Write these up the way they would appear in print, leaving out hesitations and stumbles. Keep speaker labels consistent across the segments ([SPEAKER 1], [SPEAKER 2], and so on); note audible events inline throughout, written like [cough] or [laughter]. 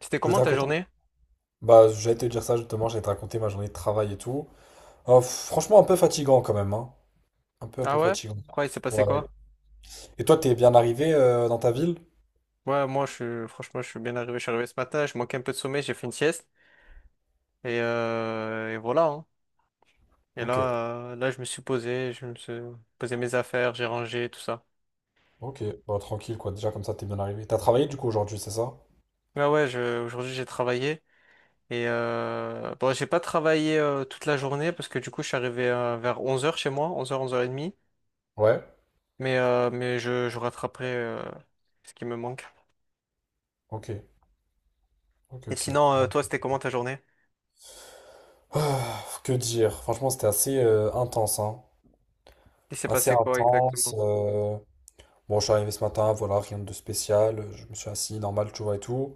[SPEAKER 1] C'était
[SPEAKER 2] Je vais
[SPEAKER 1] comment
[SPEAKER 2] te
[SPEAKER 1] ta
[SPEAKER 2] raconter.
[SPEAKER 1] journée?
[SPEAKER 2] Bah, j'allais te dire ça justement, j'allais te raconter ma journée de travail et tout. Franchement, un peu fatigant quand même, hein. Un peu, un
[SPEAKER 1] Ah
[SPEAKER 2] peu
[SPEAKER 1] ouais?
[SPEAKER 2] fatigant.
[SPEAKER 1] Ouais, il s'est passé
[SPEAKER 2] Ouais.
[SPEAKER 1] quoi?
[SPEAKER 2] Et toi, t'es bien arrivé dans ta ville?
[SPEAKER 1] Ouais, moi, franchement, je suis bien arrivé. Je suis arrivé ce matin, je manquais un peu de sommeil, j'ai fait une sieste. Et voilà, hein. Et
[SPEAKER 2] Ok,
[SPEAKER 1] là, je me suis posé mes affaires, j'ai rangé, tout ça.
[SPEAKER 2] ok. Bah, tranquille, quoi. Déjà, comme ça, t'es bien arrivé. T'as travaillé du coup aujourd'hui, c'est ça?
[SPEAKER 1] Ah ouais, aujourd'hui, j'ai travaillé. Et bon, j'ai pas travaillé toute la journée parce que du coup, je suis arrivé vers 11 h chez moi, 11h, 11h30.
[SPEAKER 2] Ouais.
[SPEAKER 1] Mais je rattraperai ce qui me manque.
[SPEAKER 2] Ok, ok,
[SPEAKER 1] Et
[SPEAKER 2] ok.
[SPEAKER 1] sinon,
[SPEAKER 2] Ouais.
[SPEAKER 1] toi, c'était comment ta journée?
[SPEAKER 2] Ah, que dire? Franchement, c'était assez intense, hein.
[SPEAKER 1] Il s'est
[SPEAKER 2] Assez
[SPEAKER 1] passé quoi exactement?
[SPEAKER 2] intense. Bon, je suis arrivé ce matin, voilà, rien de spécial. Je me suis assis normal, tu vois, et tout.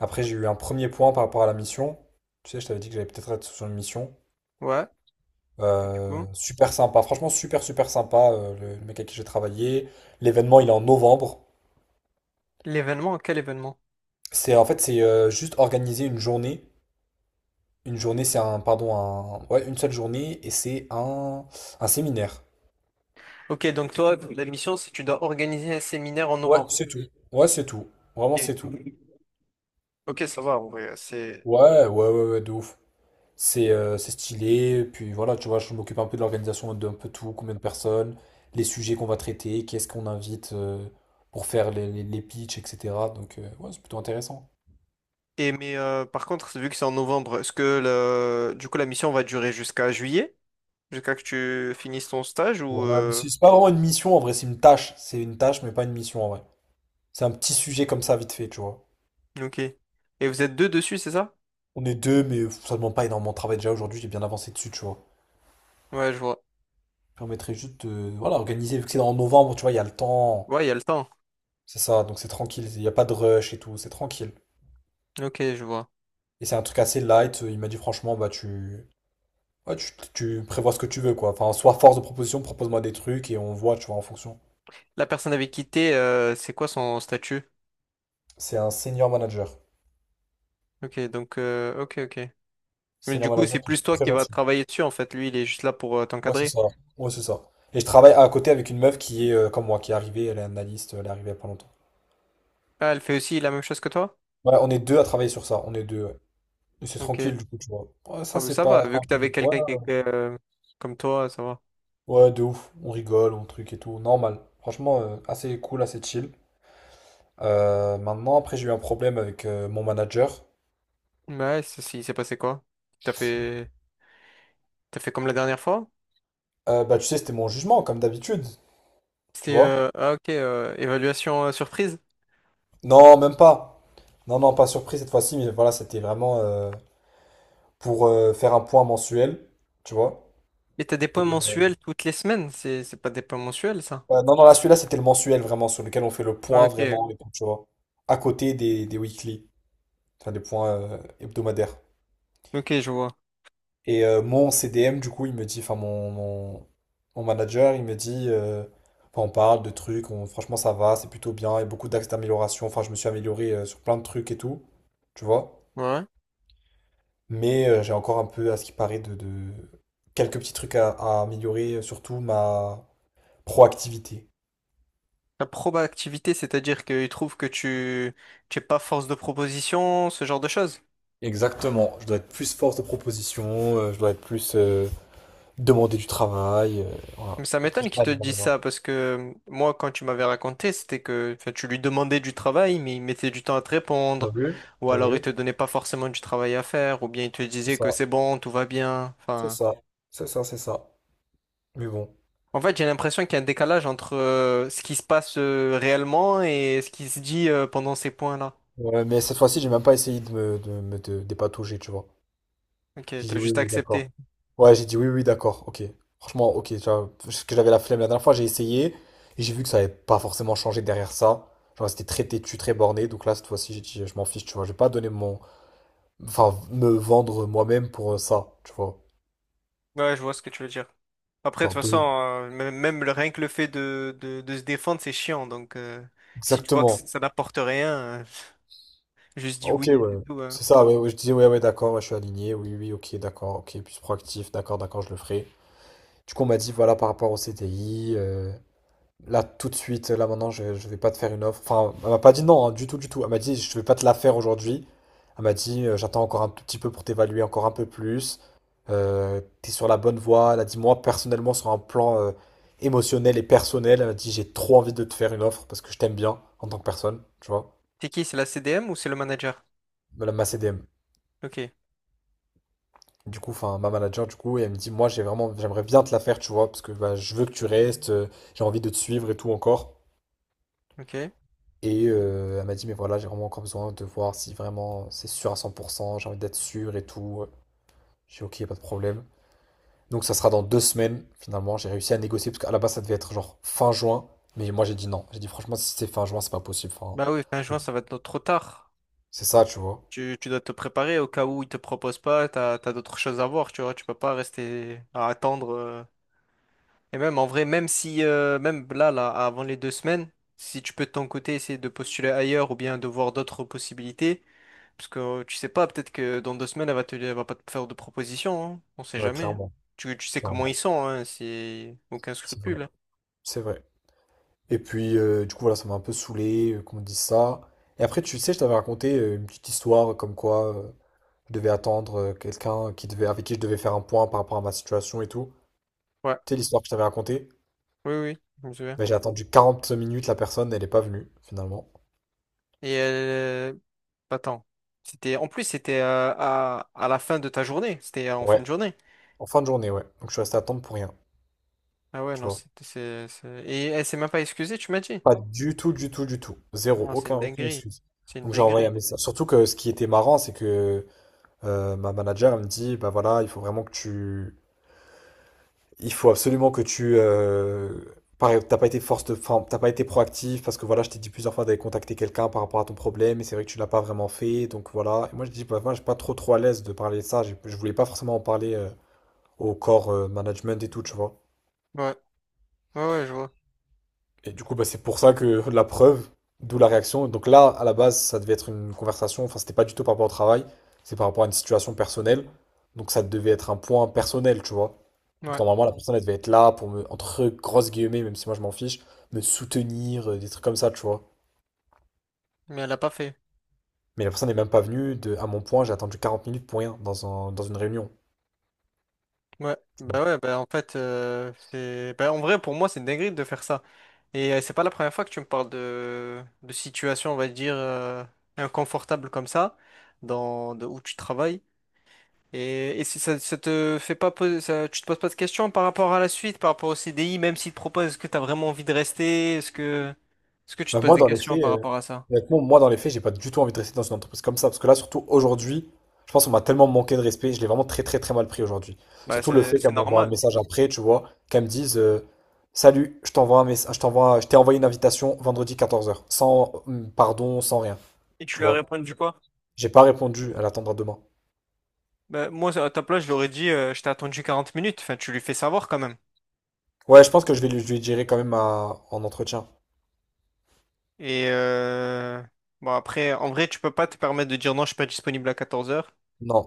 [SPEAKER 2] Après, j'ai eu un premier point par rapport à la mission. Tu sais, je t'avais dit que j'allais peut-être être sur une mission.
[SPEAKER 1] Ouais, et du coup?
[SPEAKER 2] Super sympa, franchement super super sympa le mec avec qui j'ai travaillé. L'événement il est en novembre.
[SPEAKER 1] L'événement, quel événement?
[SPEAKER 2] C'est en fait c'est juste organiser une journée. Une journée, c'est un pardon un ouais une seule journée, et c'est un séminaire.
[SPEAKER 1] Ok, donc toi, la mission, c'est que tu dois organiser un séminaire en
[SPEAKER 2] Ouais,
[SPEAKER 1] novembre.
[SPEAKER 2] c'est tout. Ouais, c'est tout. Vraiment
[SPEAKER 1] Et-
[SPEAKER 2] c'est tout.
[SPEAKER 1] Ok, ça va, en vrai, c'est.
[SPEAKER 2] Ouais, ouais, ouais, ouais, de ouf. C'est stylé, puis voilà, tu vois, je m'occupe un peu de l'organisation d'un peu tout, combien de personnes, les sujets qu'on va traiter, qu'est-ce qu'on invite pour faire les pitchs, etc. Donc, ouais, c'est plutôt intéressant.
[SPEAKER 1] Mais, par contre, vu que c'est en novembre, est-ce que du coup la mission va durer jusqu'à juillet? Jusqu'à que tu finisses ton stage
[SPEAKER 2] Ouais, mais c'est pas vraiment une mission en vrai, c'est une tâche. C'est une tâche, mais pas une mission en vrai. C'est un petit sujet comme ça, vite fait, tu vois.
[SPEAKER 1] Ok. Et vous êtes deux dessus, c'est ça?
[SPEAKER 2] On est deux, mais ça demande pas énormément de travail. Déjà aujourd'hui, j'ai bien avancé dessus, tu vois.
[SPEAKER 1] Ouais, je vois.
[SPEAKER 2] Ça permettrait juste de, voilà, organiser, vu que c'est en novembre, tu vois, il y a le temps.
[SPEAKER 1] Ouais, il y a le temps.
[SPEAKER 2] C'est ça, donc c'est tranquille, il n'y a pas de rush et tout, c'est tranquille.
[SPEAKER 1] Ok, je vois.
[SPEAKER 2] Et c'est un truc assez light, il m'a dit franchement, bah tu, Ouais, tu prévois ce que tu veux, quoi. Enfin, sois force de proposition, propose-moi des trucs et on voit, tu vois, en fonction.
[SPEAKER 1] La personne avait quitté c'est quoi son statut?
[SPEAKER 2] C'est un senior manager.
[SPEAKER 1] Ok, donc, ok, ok. Mais
[SPEAKER 2] Senior
[SPEAKER 1] du coup,
[SPEAKER 2] manager
[SPEAKER 1] c'est
[SPEAKER 2] qui
[SPEAKER 1] plus
[SPEAKER 2] est
[SPEAKER 1] toi
[SPEAKER 2] très
[SPEAKER 1] qui vas
[SPEAKER 2] gentil.
[SPEAKER 1] travailler dessus, en fait. Lui, il est juste là pour
[SPEAKER 2] Ouais, c'est
[SPEAKER 1] t'encadrer.
[SPEAKER 2] ça. Ouais, c'est ça. Et je travaille à côté avec une meuf qui est comme moi, qui est arrivée, elle est analyste, elle est arrivée il y a pas longtemps.
[SPEAKER 1] Ah, elle fait aussi la même chose que toi?
[SPEAKER 2] Ouais, on est deux à travailler sur ça. On est deux, ouais. Et c'est
[SPEAKER 1] Ok.
[SPEAKER 2] tranquille, du coup, tu vois. Ouais, ça,
[SPEAKER 1] Ah, mais
[SPEAKER 2] c'est
[SPEAKER 1] ça
[SPEAKER 2] pas.
[SPEAKER 1] va,
[SPEAKER 2] pas
[SPEAKER 1] vu
[SPEAKER 2] un
[SPEAKER 1] que t'avais
[SPEAKER 2] problème. Ouais,
[SPEAKER 1] quelqu'un qui était comme toi, ça va.
[SPEAKER 2] ouais, de ouf. On rigole, on truc et tout. Normal. Franchement, assez cool, assez chill. Maintenant, après, j'ai eu un problème avec mon manager.
[SPEAKER 1] Ouais, si, il s'est passé quoi? T'as fait... T'as fait comme la dernière fois?
[SPEAKER 2] Bah, tu sais, c'était mon jugement, comme d'habitude. Tu
[SPEAKER 1] C'était,
[SPEAKER 2] vois?
[SPEAKER 1] euh, ah, ok, évaluation surprise.
[SPEAKER 2] Non, même pas. Non, non, pas surpris cette fois-ci, mais voilà, c'était vraiment pour faire un point mensuel, tu vois.
[SPEAKER 1] Et t'as des
[SPEAKER 2] Et,
[SPEAKER 1] points mensuels toutes les semaines, c'est pas des points mensuels, ça?
[SPEAKER 2] non, non, là, celui-là, c'était le mensuel vraiment, sur lequel on fait le
[SPEAKER 1] Ah,
[SPEAKER 2] point
[SPEAKER 1] ok,
[SPEAKER 2] vraiment, et tout, tu vois. À côté des weekly, enfin des points hebdomadaires.
[SPEAKER 1] ok, je vois.
[SPEAKER 2] Et mon CDM, du coup, il me dit, enfin mon manager, il me dit, enfin, on parle de trucs, franchement ça va, c'est plutôt bien, il y a beaucoup d'axes d'amélioration, enfin je me suis amélioré sur plein de trucs et tout, tu vois.
[SPEAKER 1] Ouais.
[SPEAKER 2] Mais j'ai encore un peu, à ce qui paraît, quelques petits trucs à améliorer, surtout ma proactivité.
[SPEAKER 1] La proba activité, c'est-à-dire qu'ils trouvent que tu es pas force de proposition, ce genre de choses.
[SPEAKER 2] Exactement, je dois être plus force de proposition, je dois être plus demander du travail, voilà.
[SPEAKER 1] Mais ça
[SPEAKER 2] Plus
[SPEAKER 1] m'étonne qu'il te
[SPEAKER 2] aller vers
[SPEAKER 1] dise
[SPEAKER 2] les gens.
[SPEAKER 1] ça parce que moi, quand tu m'avais raconté, c'était que enfin, tu lui demandais du travail, mais il mettait du temps à te
[SPEAKER 2] T'as
[SPEAKER 1] répondre,
[SPEAKER 2] vu?
[SPEAKER 1] ou
[SPEAKER 2] T'as
[SPEAKER 1] alors il
[SPEAKER 2] vu?
[SPEAKER 1] te donnait pas forcément du travail à faire, ou bien il te
[SPEAKER 2] C'est
[SPEAKER 1] disait que
[SPEAKER 2] ça,
[SPEAKER 1] c'est bon, tout va bien.
[SPEAKER 2] c'est
[SPEAKER 1] Enfin,
[SPEAKER 2] ça, c'est ça, c'est ça. Mais bon.
[SPEAKER 1] en fait, j'ai l'impression qu'il y a un décalage entre ce qui se passe réellement et ce qui se dit pendant ces points-là.
[SPEAKER 2] Ouais, mais cette fois-ci, j'ai même pas essayé de me dépatouiller, tu vois.
[SPEAKER 1] Ok,
[SPEAKER 2] J'ai
[SPEAKER 1] t'as
[SPEAKER 2] dit oui,
[SPEAKER 1] juste
[SPEAKER 2] oui, d'accord.
[SPEAKER 1] accepté.
[SPEAKER 2] Ouais, j'ai dit oui, oui, d'accord, ok. Franchement, ok, tu vois, parce que j'avais la flemme la dernière fois, j'ai essayé, et j'ai vu que ça n'avait pas forcément changé derrière ça. Genre, c'était très têtu, très borné, donc là, cette fois-ci, j'ai dit, je m'en fiche, tu vois, je vais pas donner mon... Enfin, me vendre moi-même pour ça, tu vois.
[SPEAKER 1] Ouais, je vois ce que tu veux dire. Après, de toute
[SPEAKER 2] Genre,
[SPEAKER 1] façon,
[SPEAKER 2] donner...
[SPEAKER 1] rien que le fait de se défendre, c'est chiant. Donc, si tu vois que ça
[SPEAKER 2] Exactement.
[SPEAKER 1] ça n'apporte rien, [laughs] juste dis
[SPEAKER 2] Ok,
[SPEAKER 1] oui et c'est
[SPEAKER 2] ouais.
[SPEAKER 1] tout, hein.
[SPEAKER 2] C'est ça, ouais, ouais, je disais, ouais, ouais, d'accord, ouais, je suis aligné, oui, oui, ok, d'accord, ok, plus proactif, d'accord, d'accord, je le ferai. Du coup, on m'a dit, voilà, par rapport au CDI. Là, tout de suite, là maintenant, je vais pas te faire une offre. Enfin, elle m'a pas dit non, hein, du tout, du tout. Elle m'a dit, je vais pas te la faire aujourd'hui. Elle m'a dit, j'attends encore un tout petit peu pour t'évaluer encore un peu plus. T'es sur la bonne voie. Elle a dit, moi, personnellement, sur un plan émotionnel et personnel, elle m'a dit, j'ai trop envie de te faire une offre parce que je t'aime bien en tant que personne, tu vois.
[SPEAKER 1] C'est qui? C'est la CDM ou c'est le manager?
[SPEAKER 2] Voilà, ma CDM.
[SPEAKER 1] Ok,
[SPEAKER 2] Du coup, enfin, ma manager, du coup, et elle me dit, moi, j'ai vraiment, j'aimerais bien te la faire, tu vois, parce que bah, je veux que tu restes, j'ai envie de te suivre et tout encore.
[SPEAKER 1] ok.
[SPEAKER 2] Et elle m'a dit, mais voilà, j'ai vraiment encore besoin de voir si vraiment c'est sûr à 100%, j'ai envie d'être sûr et tout. J'ai ok, pas de problème. Donc ça sera dans 2 semaines, finalement. J'ai réussi à négocier, parce qu'à la base, ça devait être genre fin juin. Mais moi, j'ai dit non. J'ai dit, franchement, si c'est fin juin, c'est pas possible. Enfin,
[SPEAKER 1] Bah oui, fin juin, ça va être trop tard.
[SPEAKER 2] c'est ça, tu vois.
[SPEAKER 1] Tu dois te préparer au cas où ils te proposent pas, t'as d'autres choses à voir, tu vois, tu peux pas rester à attendre. Et même en vrai, même si, même là, avant les 2 semaines, si tu peux de ton côté essayer de postuler ailleurs ou bien de voir d'autres possibilités, parce que tu sais pas, peut-être que dans 2 semaines, elle va pas te faire de proposition, hein. On sait
[SPEAKER 2] Ouais,
[SPEAKER 1] jamais, hein.
[SPEAKER 2] clairement.
[SPEAKER 1] Tu sais comment ils
[SPEAKER 2] Clairement.
[SPEAKER 1] sont, hein, c'est aucun
[SPEAKER 2] C'est vrai.
[SPEAKER 1] scrupule, hein.
[SPEAKER 2] C'est vrai. Et puis, du coup, voilà, ça m'a un peu saoulé qu'on me dise ça. Et après, tu sais, je t'avais raconté une petite histoire comme quoi je devais attendre quelqu'un qui devait, avec qui je devais faire un point par rapport à ma situation et tout.
[SPEAKER 1] Ouais,
[SPEAKER 2] Sais l'histoire que je t'avais racontée?
[SPEAKER 1] oui, oui, je me souviens.
[SPEAKER 2] Mais j'ai attendu 40 minutes, la personne, elle n'est pas venue, finalement.
[SPEAKER 1] Et attends, c'était, en plus, c'était à la fin de ta journée, c'était en fin
[SPEAKER 2] Ouais,
[SPEAKER 1] de journée.
[SPEAKER 2] en fin de journée, ouais. Donc je suis resté à attendre pour rien,
[SPEAKER 1] Ah ouais,
[SPEAKER 2] tu
[SPEAKER 1] non,
[SPEAKER 2] vois.
[SPEAKER 1] Et elle s'est même pas excusée, tu m'as dit?
[SPEAKER 2] Pas du tout, du tout, du tout. Zéro,
[SPEAKER 1] Non, c'est
[SPEAKER 2] aucun,
[SPEAKER 1] une
[SPEAKER 2] aucune
[SPEAKER 1] dinguerie.
[SPEAKER 2] excuse.
[SPEAKER 1] C'est une
[SPEAKER 2] Donc j'ai envoyé un
[SPEAKER 1] dinguerie.
[SPEAKER 2] message. Surtout que ce qui était marrant, c'est que ma manager, elle me dit, bah voilà, il faut vraiment que tu... Il faut absolument que tu... Pareil, t'as pas été force de... enfin, t'as pas été proactif parce que voilà, je t'ai dit plusieurs fois d'aller contacter quelqu'un par rapport à ton problème et c'est vrai que tu l'as pas vraiment fait, donc voilà. Et moi je dis, bah moi je suis pas trop trop à l'aise de parler de ça, je voulais pas forcément en parler au corps management et tout, tu vois.
[SPEAKER 1] Ouais, ouais, ouais, je vois.
[SPEAKER 2] Et du coup, bah, c'est pour ça que la preuve, d'où la réaction. Donc là, à la base, ça devait être une conversation, enfin, c'était pas du tout par rapport au travail, c'est par rapport à une situation personnelle. Donc ça devait être un point personnel, tu vois. Donc
[SPEAKER 1] Ouais,
[SPEAKER 2] normalement, la personne, elle devait être là pour me, entre grosses guillemets, même si moi je m'en fiche, me soutenir, des trucs comme ça, tu vois.
[SPEAKER 1] mais elle l'a pas fait.
[SPEAKER 2] Mais la personne n'est même pas venue, à mon point, j'ai attendu 40 minutes pour rien dans dans une réunion.
[SPEAKER 1] Ouais, bah en fait, Bah en vrai, pour moi, c'est une dinguerie de faire ça. Et c'est pas la première fois que tu me parles de situation, on va dire, inconfortable comme ça, de où tu travailles. Et si ça te fait pas poser, ça, tu te poses pas de questions par rapport à la suite, par rapport au CDI, même s'il te propose, est-ce que tu as vraiment envie de rester? Est-ce que tu te
[SPEAKER 2] Bah,
[SPEAKER 1] poses
[SPEAKER 2] moi,
[SPEAKER 1] des
[SPEAKER 2] dans les
[SPEAKER 1] questions
[SPEAKER 2] faits,
[SPEAKER 1] par rapport à ça?
[SPEAKER 2] honnêtement, moi, dans les faits, j'ai pas du tout envie de rester dans une entreprise comme ça. Parce que là, surtout aujourd'hui, je pense qu'on m'a tellement manqué de respect. Je l'ai vraiment très, très, très mal pris aujourd'hui.
[SPEAKER 1] Bah,
[SPEAKER 2] Surtout le
[SPEAKER 1] c'est,
[SPEAKER 2] fait
[SPEAKER 1] c'est
[SPEAKER 2] qu'elle m'envoie un
[SPEAKER 1] normal.
[SPEAKER 2] message après, tu vois, qu'elle me dise Salut, je t'envoie un message, je t'ai envoyé une invitation vendredi 14h. Sans rien.
[SPEAKER 1] Et tu
[SPEAKER 2] Tu
[SPEAKER 1] lui as
[SPEAKER 2] vois,
[SPEAKER 1] répondu quoi?
[SPEAKER 2] j'ai pas répondu. Elle attendra demain.
[SPEAKER 1] Bah, moi, à ta place, je lui aurais dit, je t'ai attendu 40 minutes. Enfin, tu lui fais savoir quand même.
[SPEAKER 2] Ouais, je pense que je lui dirai quand même en entretien.
[SPEAKER 1] Et bon, après, en vrai, tu peux pas te permettre de dire non, je suis pas disponible à 14 h.
[SPEAKER 2] Non,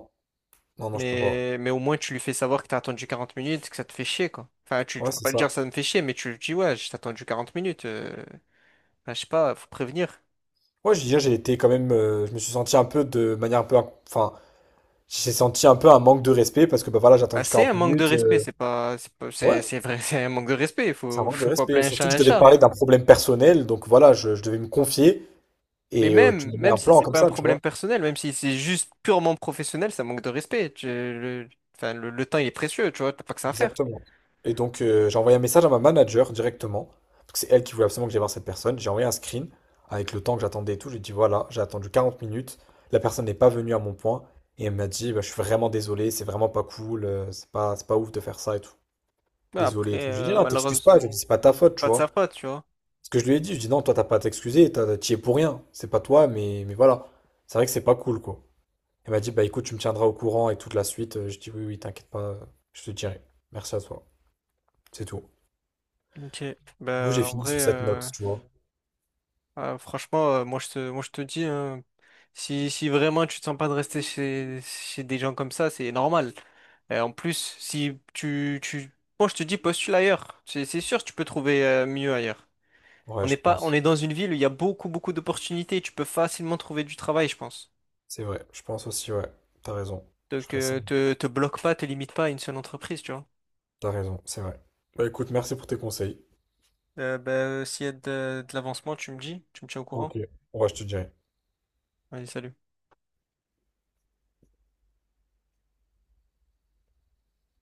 [SPEAKER 2] non, non, je peux pas.
[SPEAKER 1] Mais au moins, tu lui fais savoir que t'as attendu 40 minutes, que ça te fait chier, quoi. Enfin, tu
[SPEAKER 2] Ouais,
[SPEAKER 1] peux
[SPEAKER 2] c'est
[SPEAKER 1] pas lui
[SPEAKER 2] ça.
[SPEAKER 1] dire ça me fait chier, mais tu lui dis, ouais, j'ai attendu 40 minutes. Bah, je sais pas, faut prévenir.
[SPEAKER 2] Ouais, je veux dire, j'ai été quand même. Je me suis senti un peu de manière un peu. Enfin, j'ai senti un peu un manque de respect parce que bah voilà, j'ai
[SPEAKER 1] Bah,
[SPEAKER 2] attendu
[SPEAKER 1] c'est un
[SPEAKER 2] 40
[SPEAKER 1] manque de
[SPEAKER 2] minutes.
[SPEAKER 1] respect, c'est pas, c'est pas-
[SPEAKER 2] Ouais,
[SPEAKER 1] c'est vrai, [laughs] c'est un manque de respect. Il
[SPEAKER 2] c'est un
[SPEAKER 1] faut, [laughs]
[SPEAKER 2] manque de
[SPEAKER 1] faut
[SPEAKER 2] respect.
[SPEAKER 1] appeler un
[SPEAKER 2] Surtout
[SPEAKER 1] chat
[SPEAKER 2] que je
[SPEAKER 1] un
[SPEAKER 2] devais te
[SPEAKER 1] chat.
[SPEAKER 2] parler d'un problème personnel, donc voilà, je devais me confier
[SPEAKER 1] Mais
[SPEAKER 2] et tu
[SPEAKER 1] même,
[SPEAKER 2] me mets
[SPEAKER 1] même
[SPEAKER 2] un
[SPEAKER 1] si
[SPEAKER 2] plan
[SPEAKER 1] c'est
[SPEAKER 2] comme
[SPEAKER 1] pas un
[SPEAKER 2] ça, tu
[SPEAKER 1] problème
[SPEAKER 2] vois.
[SPEAKER 1] personnel, même si c'est juste purement professionnel, ça manque de respect. Enfin, le temps il est précieux, tu vois, t'as pas que ça à faire.
[SPEAKER 2] Exactement. Et donc j'ai envoyé un message à ma manager directement, parce que c'est elle qui voulait absolument que j'aille voir cette personne. J'ai envoyé un screen avec le temps que j'attendais et tout. J'ai dit voilà, j'ai attendu 40 minutes, la personne n'est pas venue à mon point et elle m'a dit bah, je suis vraiment désolé, c'est vraiment pas cool, c'est pas ouf de faire ça et tout.
[SPEAKER 1] Bah,
[SPEAKER 2] Désolé et tout. J'ai dit
[SPEAKER 1] après,
[SPEAKER 2] non, t'excuses
[SPEAKER 1] malheureusement,
[SPEAKER 2] pas, je dis c'est pas ta faute, tu
[SPEAKER 1] pas de sa
[SPEAKER 2] vois.
[SPEAKER 1] faute, tu vois.
[SPEAKER 2] Ce que je lui ai dit, je dis non, toi t'as pas à t'excuser, t'y es pour rien, c'est pas toi, mais voilà. C'est vrai que c'est pas cool, quoi. Elle m'a dit, bah écoute, tu me tiendras au courant et toute la suite. Je dis oui, oui, t'inquiète pas, je te dirai. Merci à toi, c'est tout.
[SPEAKER 1] Ok.
[SPEAKER 2] Du coup,
[SPEAKER 1] Bah,
[SPEAKER 2] j'ai
[SPEAKER 1] en
[SPEAKER 2] fini
[SPEAKER 1] vrai.
[SPEAKER 2] sur cette note,
[SPEAKER 1] euh,
[SPEAKER 2] tu vois.
[SPEAKER 1] Ah, franchement, moi je te dis, hein, si vraiment tu te sens pas de rester chez des gens comme ça, c'est normal. En plus, si tu, tu, moi je te dis, postule ailleurs. C'est sûr, tu peux trouver mieux ailleurs. On
[SPEAKER 2] Ouais,
[SPEAKER 1] n'est
[SPEAKER 2] je
[SPEAKER 1] pas, on
[SPEAKER 2] pense.
[SPEAKER 1] est dans une ville où il y a beaucoup, beaucoup d'opportunités. Tu peux facilement trouver du travail, je pense.
[SPEAKER 2] C'est vrai, je pense aussi, ouais. T'as raison, je
[SPEAKER 1] Donc,
[SPEAKER 2] ferai ça.
[SPEAKER 1] te bloque pas, te limite pas à une seule entreprise, tu vois.
[SPEAKER 2] T'as raison, c'est vrai. Bah écoute, merci pour tes conseils.
[SPEAKER 1] Bah, s'il y a de l'avancement, tu me dis, tu me tiens au courant.
[SPEAKER 2] Ok, ouais, je te dirai.
[SPEAKER 1] Allez, salut.